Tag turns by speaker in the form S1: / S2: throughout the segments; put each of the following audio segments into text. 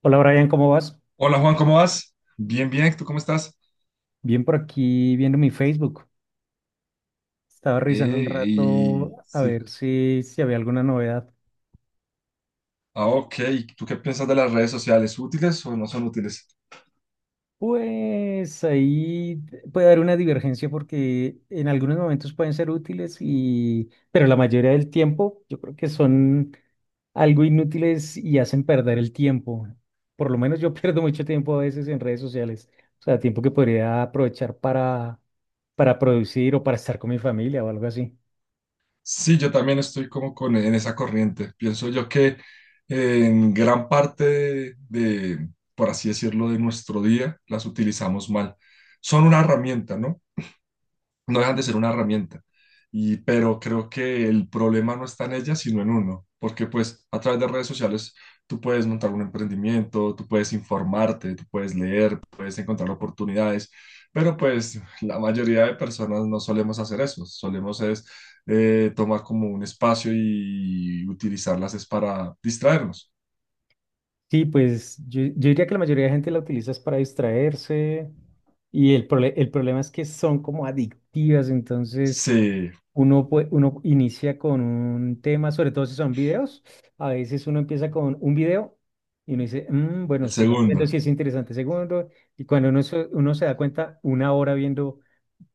S1: Hola Brian, ¿cómo vas?
S2: Hola Juan, ¿cómo vas? Bien, bien, ¿tú cómo estás?
S1: Bien por aquí viendo mi Facebook. Estaba revisando un
S2: Y
S1: rato a
S2: sí.
S1: ver si había alguna novedad.
S2: Ah, ok. ¿Tú qué piensas de las redes sociales? ¿Útiles o no son útiles?
S1: Pues ahí puede haber una divergencia porque en algunos momentos pueden ser útiles y, pero la mayoría del tiempo yo creo que son algo inútiles y hacen perder el tiempo. Por lo menos yo pierdo mucho tiempo a veces en redes sociales. O sea, tiempo que podría aprovechar para producir o para estar con mi familia o algo así.
S2: Sí, yo también estoy como en esa corriente. Pienso yo que en gran parte de por así decirlo, de nuestro día las utilizamos mal. Son una herramienta, ¿no? No dejan de ser una herramienta. Pero creo que el problema no está en ella, sino en uno, porque pues a través de redes sociales tú puedes montar un emprendimiento, tú puedes informarte, tú puedes leer, puedes encontrar oportunidades, pero pues la mayoría de personas no solemos hacer eso, solemos es tomar como un espacio y utilizarlas es para distraernos.
S1: Sí, pues yo diría que la mayoría de gente la utiliza es para distraerse y el problema es que son como adictivas. Entonces
S2: Sí,
S1: uno inicia con un tema, sobre todo si son videos. A veces uno empieza con un video y uno dice, "Mm,
S2: el
S1: bueno, sigamos viendo
S2: segundo.
S1: si es interesante segundo", y cuando uno uno se da cuenta, una hora viendo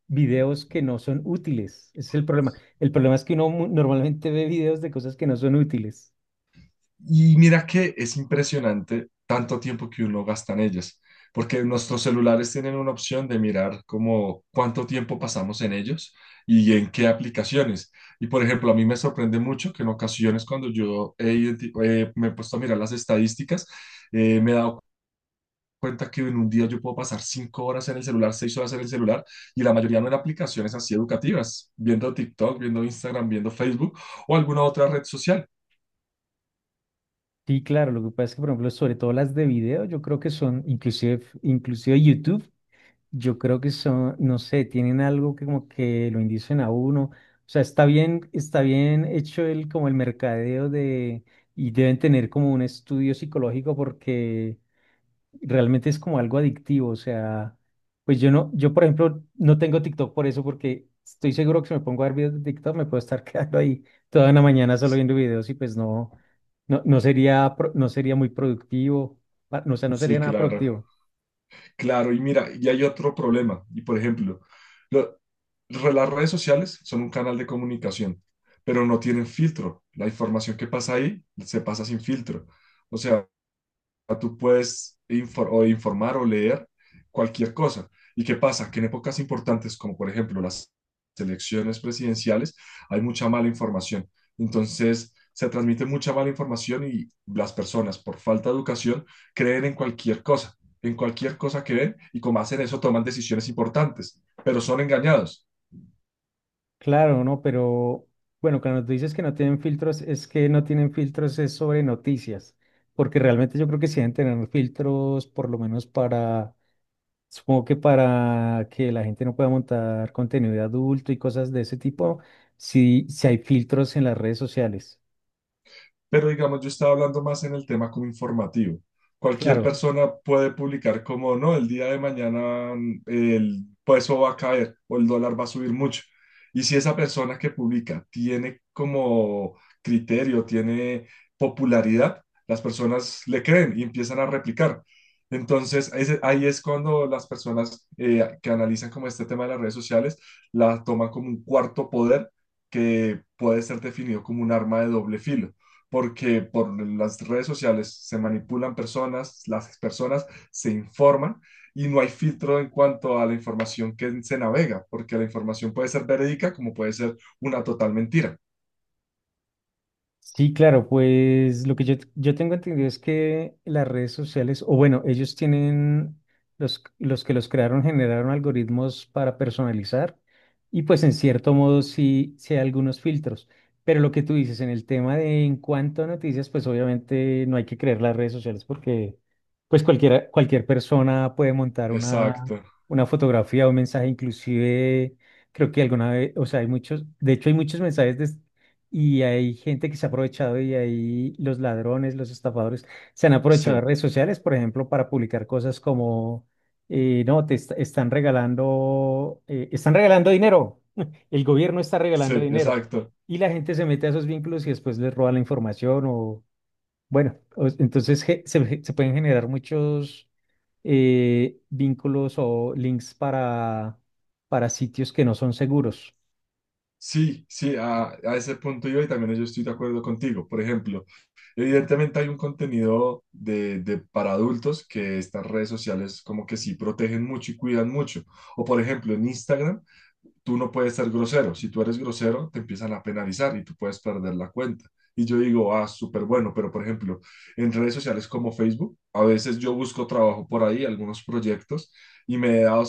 S1: videos que no son útiles, ese es el problema. El problema es que normalmente ve videos de cosas que no son útiles.
S2: Y mira que es impresionante tanto tiempo que uno gasta en ellas, porque nuestros celulares tienen una opción de mirar como cuánto tiempo pasamos en ellos y en qué aplicaciones. Y por ejemplo, a mí me sorprende mucho que en ocasiones cuando me he puesto a mirar las estadísticas, me he dado cuenta que en un día yo puedo pasar cinco horas en el celular, seis horas en el celular, y la mayoría no en aplicaciones así educativas, viendo TikTok, viendo Instagram, viendo Facebook o alguna otra red social.
S1: Sí, claro, lo que pasa es que, por ejemplo, sobre todo las de video, yo creo que son, inclusive YouTube, yo creo que son, no sé, tienen algo que como que lo indicen a uno. O sea, está bien hecho el como el mercadeo de, y deben tener como un estudio psicológico porque realmente es como algo adictivo. O sea, pues yo por ejemplo no tengo TikTok por eso, porque estoy seguro que si me pongo a ver videos de TikTok me puedo estar quedando ahí toda una mañana solo viendo videos. Y pues no sería muy productivo. O sea, no sería
S2: Sí,
S1: nada
S2: claro.
S1: productivo.
S2: Claro, y mira, y hay otro problema. Y por ejemplo, lo- las redes sociales son un canal de comunicación, pero no tienen filtro. La información que pasa ahí se pasa sin filtro. O sea, tú puedes o informar o leer cualquier cosa. ¿Y qué pasa? Que en épocas importantes, como por ejemplo las elecciones presidenciales, hay mucha mala información. Entonces, se transmite mucha mala información y las personas, por falta de educación, creen en cualquier cosa que ven y como hacen eso, toman decisiones importantes, pero son engañados.
S1: Claro, ¿no? Pero bueno, cuando tú dices que no tienen filtros, es que no tienen filtros es sobre noticias, porque realmente yo creo que sí deben tener filtros, por lo menos para, supongo que para que la gente no pueda montar contenido de adulto y cosas de ese tipo. Sí, sí hay filtros en las redes sociales.
S2: Pero digamos, yo estaba hablando más en el tema como informativo. Cualquier
S1: Claro.
S2: persona puede publicar como, no, el día de mañana el peso va a caer o el dólar va a subir mucho. Y si esa persona que publica tiene como criterio, tiene popularidad, las personas le creen y empiezan a replicar. Entonces, ahí es cuando las personas que analizan como este tema de las redes sociales la toman como un cuarto poder que puede ser definido como un arma de doble filo porque por las redes sociales se manipulan personas, las personas se informan y no hay filtro en cuanto a la información que se navega, porque la información puede ser verídica como puede ser una total mentira.
S1: Sí, claro, pues lo que yo tengo entendido es que las redes sociales, o bueno, ellos tienen, los que los crearon generaron algoritmos para personalizar, y pues en cierto modo sí, sí hay algunos filtros, pero lo que tú dices en el tema de en cuanto a noticias, pues obviamente no hay que creer las redes sociales porque pues cualquier persona puede montar
S2: Exacto,
S1: una fotografía o un mensaje. Inclusive creo que alguna vez, o sea, hay muchos, de hecho hay muchos mensajes, y hay gente que se ha aprovechado, y ahí los ladrones, los estafadores, se han aprovechado de las
S2: sí,
S1: redes sociales, por ejemplo, para publicar cosas como, no, están regalando dinero, el gobierno está
S2: sí,
S1: regalando dinero.
S2: exacto.
S1: Y la gente se mete a esos vínculos y después les roba la información bueno, entonces se pueden generar muchos vínculos o links para sitios que no son seguros.
S2: Sí, sí, a ese punto yo y también yo estoy de acuerdo contigo. Por ejemplo, evidentemente hay un contenido de para adultos que estas redes sociales como que sí protegen mucho y cuidan mucho. O por ejemplo, en Instagram tú no puedes ser grosero. Si tú eres grosero, te empiezan a penalizar y tú puedes perder la cuenta. Y yo digo, ah, súper bueno, pero por ejemplo, en redes sociales como Facebook, a veces yo busco trabajo por ahí, algunos proyectos, y me he dado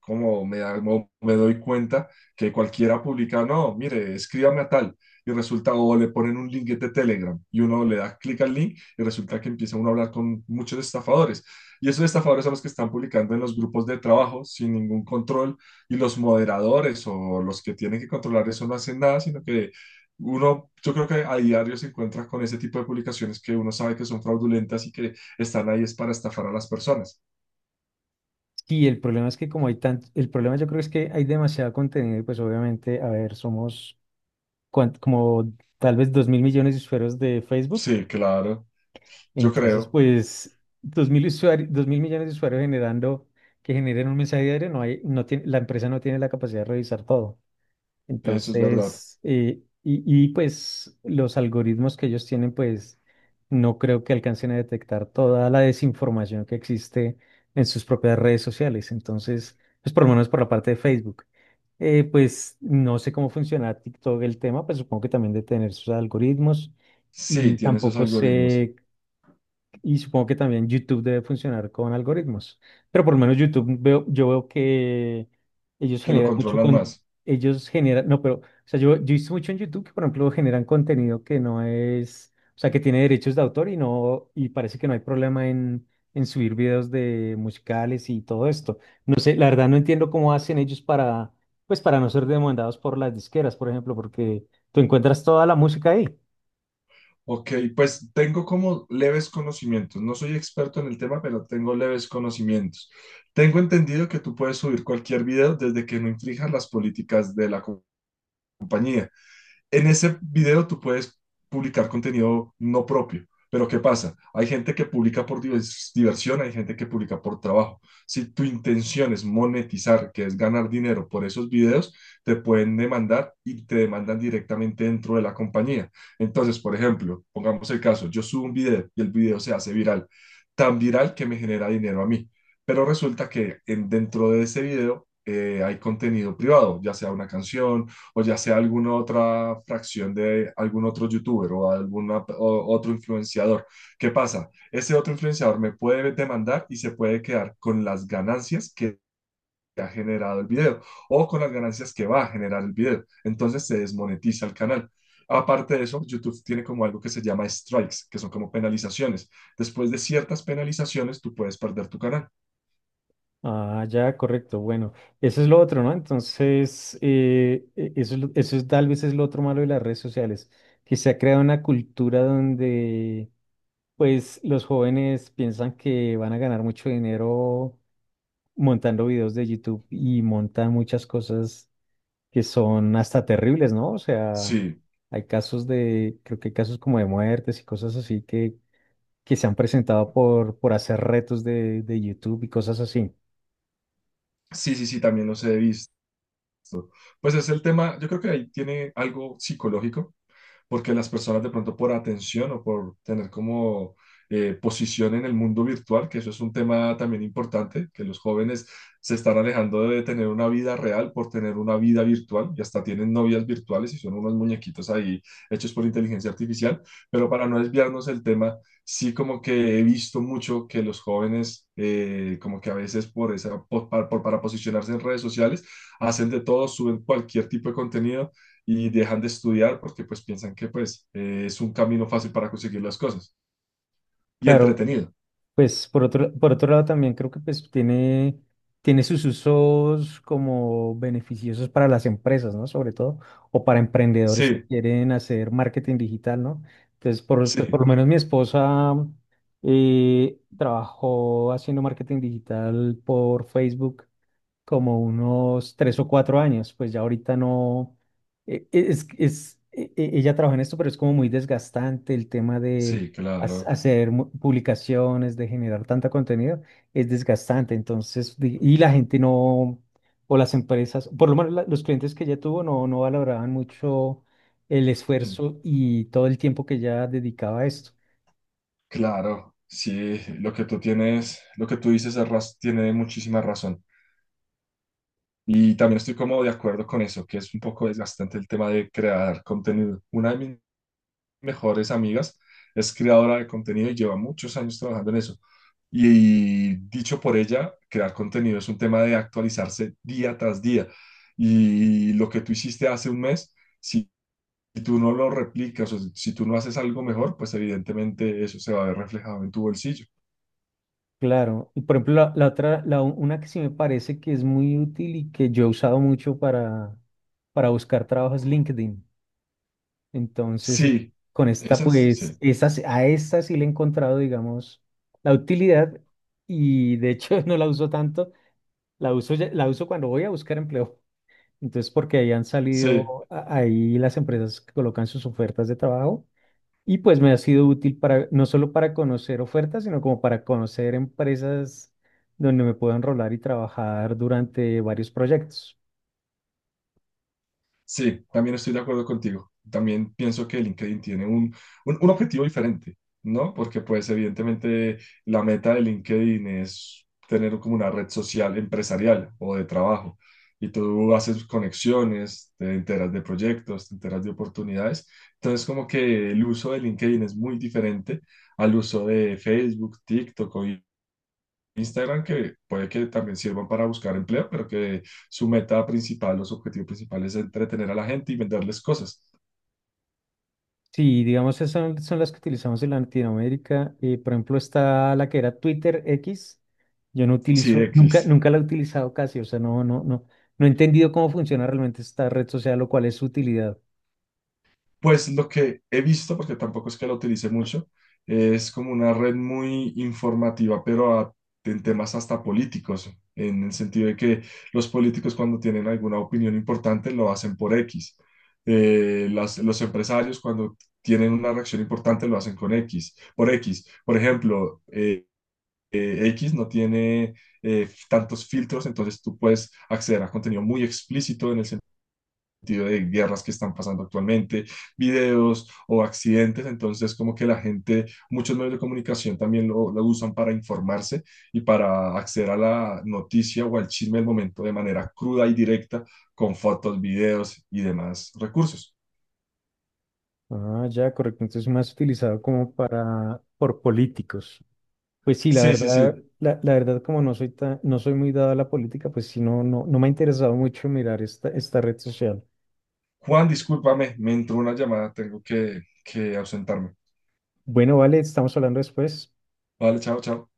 S2: como me, da- mo- me doy cuenta que cualquiera publica, no, mire, escríbame a tal, y resulta, o le ponen un link de Telegram, y uno le da clic al link, y resulta que empieza uno a hablar con muchos estafadores. Y esos estafadores son los que están publicando en los grupos de trabajo sin ningún control, y los moderadores o los que tienen que controlar eso no hacen nada, sino que uno, yo creo que a diario se encuentra con ese tipo de publicaciones que uno sabe que son fraudulentas y que están ahí es para estafar a las personas.
S1: Sí, el problema es que como hay tanto, el problema yo creo es que hay demasiado contenido y pues obviamente, a ver, somos como tal vez 2.000 millones de usuarios de Facebook.
S2: Sí, claro, yo
S1: Entonces
S2: creo.
S1: pues dos mil usuarios, 2.000 millones de usuarios generando, que generen un mensaje diario, no tiene, la empresa no tiene la capacidad de revisar todo.
S2: Eso es verdad.
S1: Entonces, pues los algoritmos que ellos tienen, pues no creo que alcancen a detectar toda la desinformación que existe en sus propias redes sociales. Entonces, pues por lo menos por la parte de Facebook. Pues no sé cómo funciona TikTok el tema, pues supongo que también de tener sus algoritmos,
S2: Sí,
S1: y
S2: tiene esos
S1: tampoco
S2: algoritmos
S1: sé, y supongo que también YouTube debe funcionar con algoritmos. Pero por lo menos YouTube veo, yo veo que ellos
S2: que lo
S1: generan mucho
S2: controlan
S1: con,
S2: más.
S1: ellos generan, no, pero, o sea, yo he visto mucho en YouTube que, por ejemplo, generan contenido que no es, o sea, que tiene derechos de autor y no, y parece que no hay problema en subir videos de musicales y todo esto. No sé, la verdad no entiendo cómo hacen ellos para, pues, para no ser demandados por las disqueras, por ejemplo, porque tú encuentras toda la música ahí.
S2: Ok, pues tengo como leves conocimientos. No soy experto en el tema, pero tengo leves conocimientos. Tengo entendido que tú puedes subir cualquier video desde que no infrijas las políticas de la compañía. En ese video tú puedes publicar contenido no propio, pero ¿qué pasa? Hay gente que publica por diversión, hay gente que publica por trabajo. Si tu intención es monetizar, que es ganar dinero por esos videos, te pueden demandar y te demandan directamente dentro de la compañía. Entonces, por ejemplo, pongamos el caso, yo subo un video y el video se hace viral, tan viral que me genera dinero a mí. Pero resulta que dentro de ese video hay contenido privado, ya sea una canción, o ya sea alguna otra fracción de algún otro youtuber o algún otro influenciador. ¿Qué pasa? Ese otro influenciador me puede demandar y se puede quedar con las ganancias que ha generado el video o con las ganancias que va a generar el video. Entonces se desmonetiza el canal. Aparte de eso, YouTube tiene como algo que se llama strikes, que son como penalizaciones. Después de ciertas penalizaciones, tú puedes perder tu canal.
S1: Ah, ya, correcto. Bueno, eso es lo otro, ¿no? Entonces, eso es, tal vez es lo otro malo de las redes sociales, que se ha creado una cultura donde, pues, los jóvenes piensan que van a ganar mucho dinero montando videos de YouTube y montan muchas cosas que son hasta terribles, ¿no? O sea,
S2: Sí,
S1: hay casos de, creo que hay casos como de muertes y cosas así que se han presentado por hacer retos de YouTube y cosas así.
S2: sí, sí, sí, también los he visto. Pues es el tema, yo creo que ahí tiene algo psicológico porque las personas de pronto por atención o por tener como posición en el mundo virtual, que eso es un tema también importante, que los jóvenes se están alejando de tener una vida real por tener una vida virtual y hasta tienen novias virtuales y son unos muñequitos ahí hechos por inteligencia artificial, pero para no desviarnos del tema, sí como que he visto mucho que los jóvenes como que a veces por esa, por- para posicionarse en redes sociales, hacen de todo, suben cualquier tipo de contenido y dejan de estudiar porque pues piensan que pues es un camino fácil para conseguir las cosas y
S1: Claro.
S2: entretenido.
S1: Pues por otro lado también creo que pues tiene, tiene sus usos como beneficiosos para las empresas, ¿no? Sobre todo, o para emprendedores que
S2: Sí,
S1: quieren hacer marketing digital, ¿no? Entonces, por,
S2: sí,
S1: pues, por lo menos mi esposa trabajó haciendo marketing digital por Facebook como unos 3 o 4 años, pues ya ahorita no, ella trabaja en esto, pero es como muy desgastante el tema de
S2: sí, claro,
S1: hacer publicaciones, de generar tanta contenido. Es desgastante, entonces, y la gente no, o las empresas, por lo menos los clientes que ella tuvo no, no valoraban mucho el
S2: en-
S1: esfuerzo y todo el tiempo que ella dedicaba a esto.
S2: claro, sí, lo que tú dices tiene muchísima razón. Y también estoy como de acuerdo con eso, que es un poco desgastante el tema de crear contenido. Una de mis mejores amigas, es creadora de contenido y lleva muchos años trabajando en eso. Y, dicho por ella, crear contenido es un tema de actualizarse día tras día. Y lo que tú hiciste hace un mes, si tú no lo replicas o si tú no haces algo mejor, pues evidentemente eso se va a ver reflejado en tu bolsillo.
S1: Claro, y por ejemplo, la otra, la, u- una que sí me parece que es muy útil y que yo he usado mucho para buscar trabajo es LinkedIn. Entonces,
S2: Sí,
S1: con esta,
S2: esas,
S1: pues,
S2: sí.
S1: a esta sí le he encontrado, digamos, la utilidad, y de hecho no la uso tanto, la uso, la uso cuando voy a buscar empleo. Entonces, porque ahí han
S2: Sí,
S1: salido, ahí las empresas colocan sus ofertas de trabajo, y pues me ha sido útil para, no solo para conocer ofertas, sino como para conocer empresas donde me puedo enrolar y trabajar durante varios proyectos.
S2: sí, también estoy de acuerdo contigo. También pienso que LinkedIn tiene un objetivo diferente, ¿no? Porque pues evidentemente la meta de LinkedIn es tener como una red social empresarial o de trabajo. Y tú haces conexiones, te enteras de proyectos, te enteras de oportunidades. Entonces como que el uso de LinkedIn es muy diferente al uso de Facebook, TikTok o Instagram que puede que también sirvan para buscar empleo, pero que su meta principal o su objetivo principal es entretener a la gente y venderles cosas.
S1: Sí, digamos, esas son, son las que utilizamos en Latinoamérica. Por ejemplo, está la que era Twitter X. Yo no
S2: Sí,
S1: utilizo,
S2: X.
S1: nunca la he utilizado casi. O sea, no he entendido cómo funciona realmente esta red social, lo cual es su utilidad.
S2: Pues lo que he visto, porque tampoco es que lo utilice mucho, es como una red muy informativa, pero en temas hasta políticos, en el sentido de que los políticos cuando tienen alguna opinión importante lo hacen por X. Los empresarios cuando tienen una reacción importante lo hacen con X, por X. Por ejemplo, X, no tiene tantos filtros, entonces tú puedes acceder a contenido muy explícito en el sentido de guerras que están pasando actualmente, videos o accidentes, entonces como que la gente, muchos medios de comunicación también lo usan para informarse y para acceder a la noticia o al chisme del momento de manera cruda y directa con fotos, videos y demás recursos.
S1: Ah, ya, correcto. Entonces, más utilizado como para, por políticos. Pues sí, la
S2: Sí, sí,
S1: verdad,
S2: sí.
S1: la verdad, como no soy tan, no soy muy dado a la política, pues sí, no me ha interesado mucho mirar esta, esta red social.
S2: Juan, discúlpame, me entró una llamada, tengo que ausentarme.
S1: Bueno, vale, estamos hablando después.
S2: Vale, chao, chao.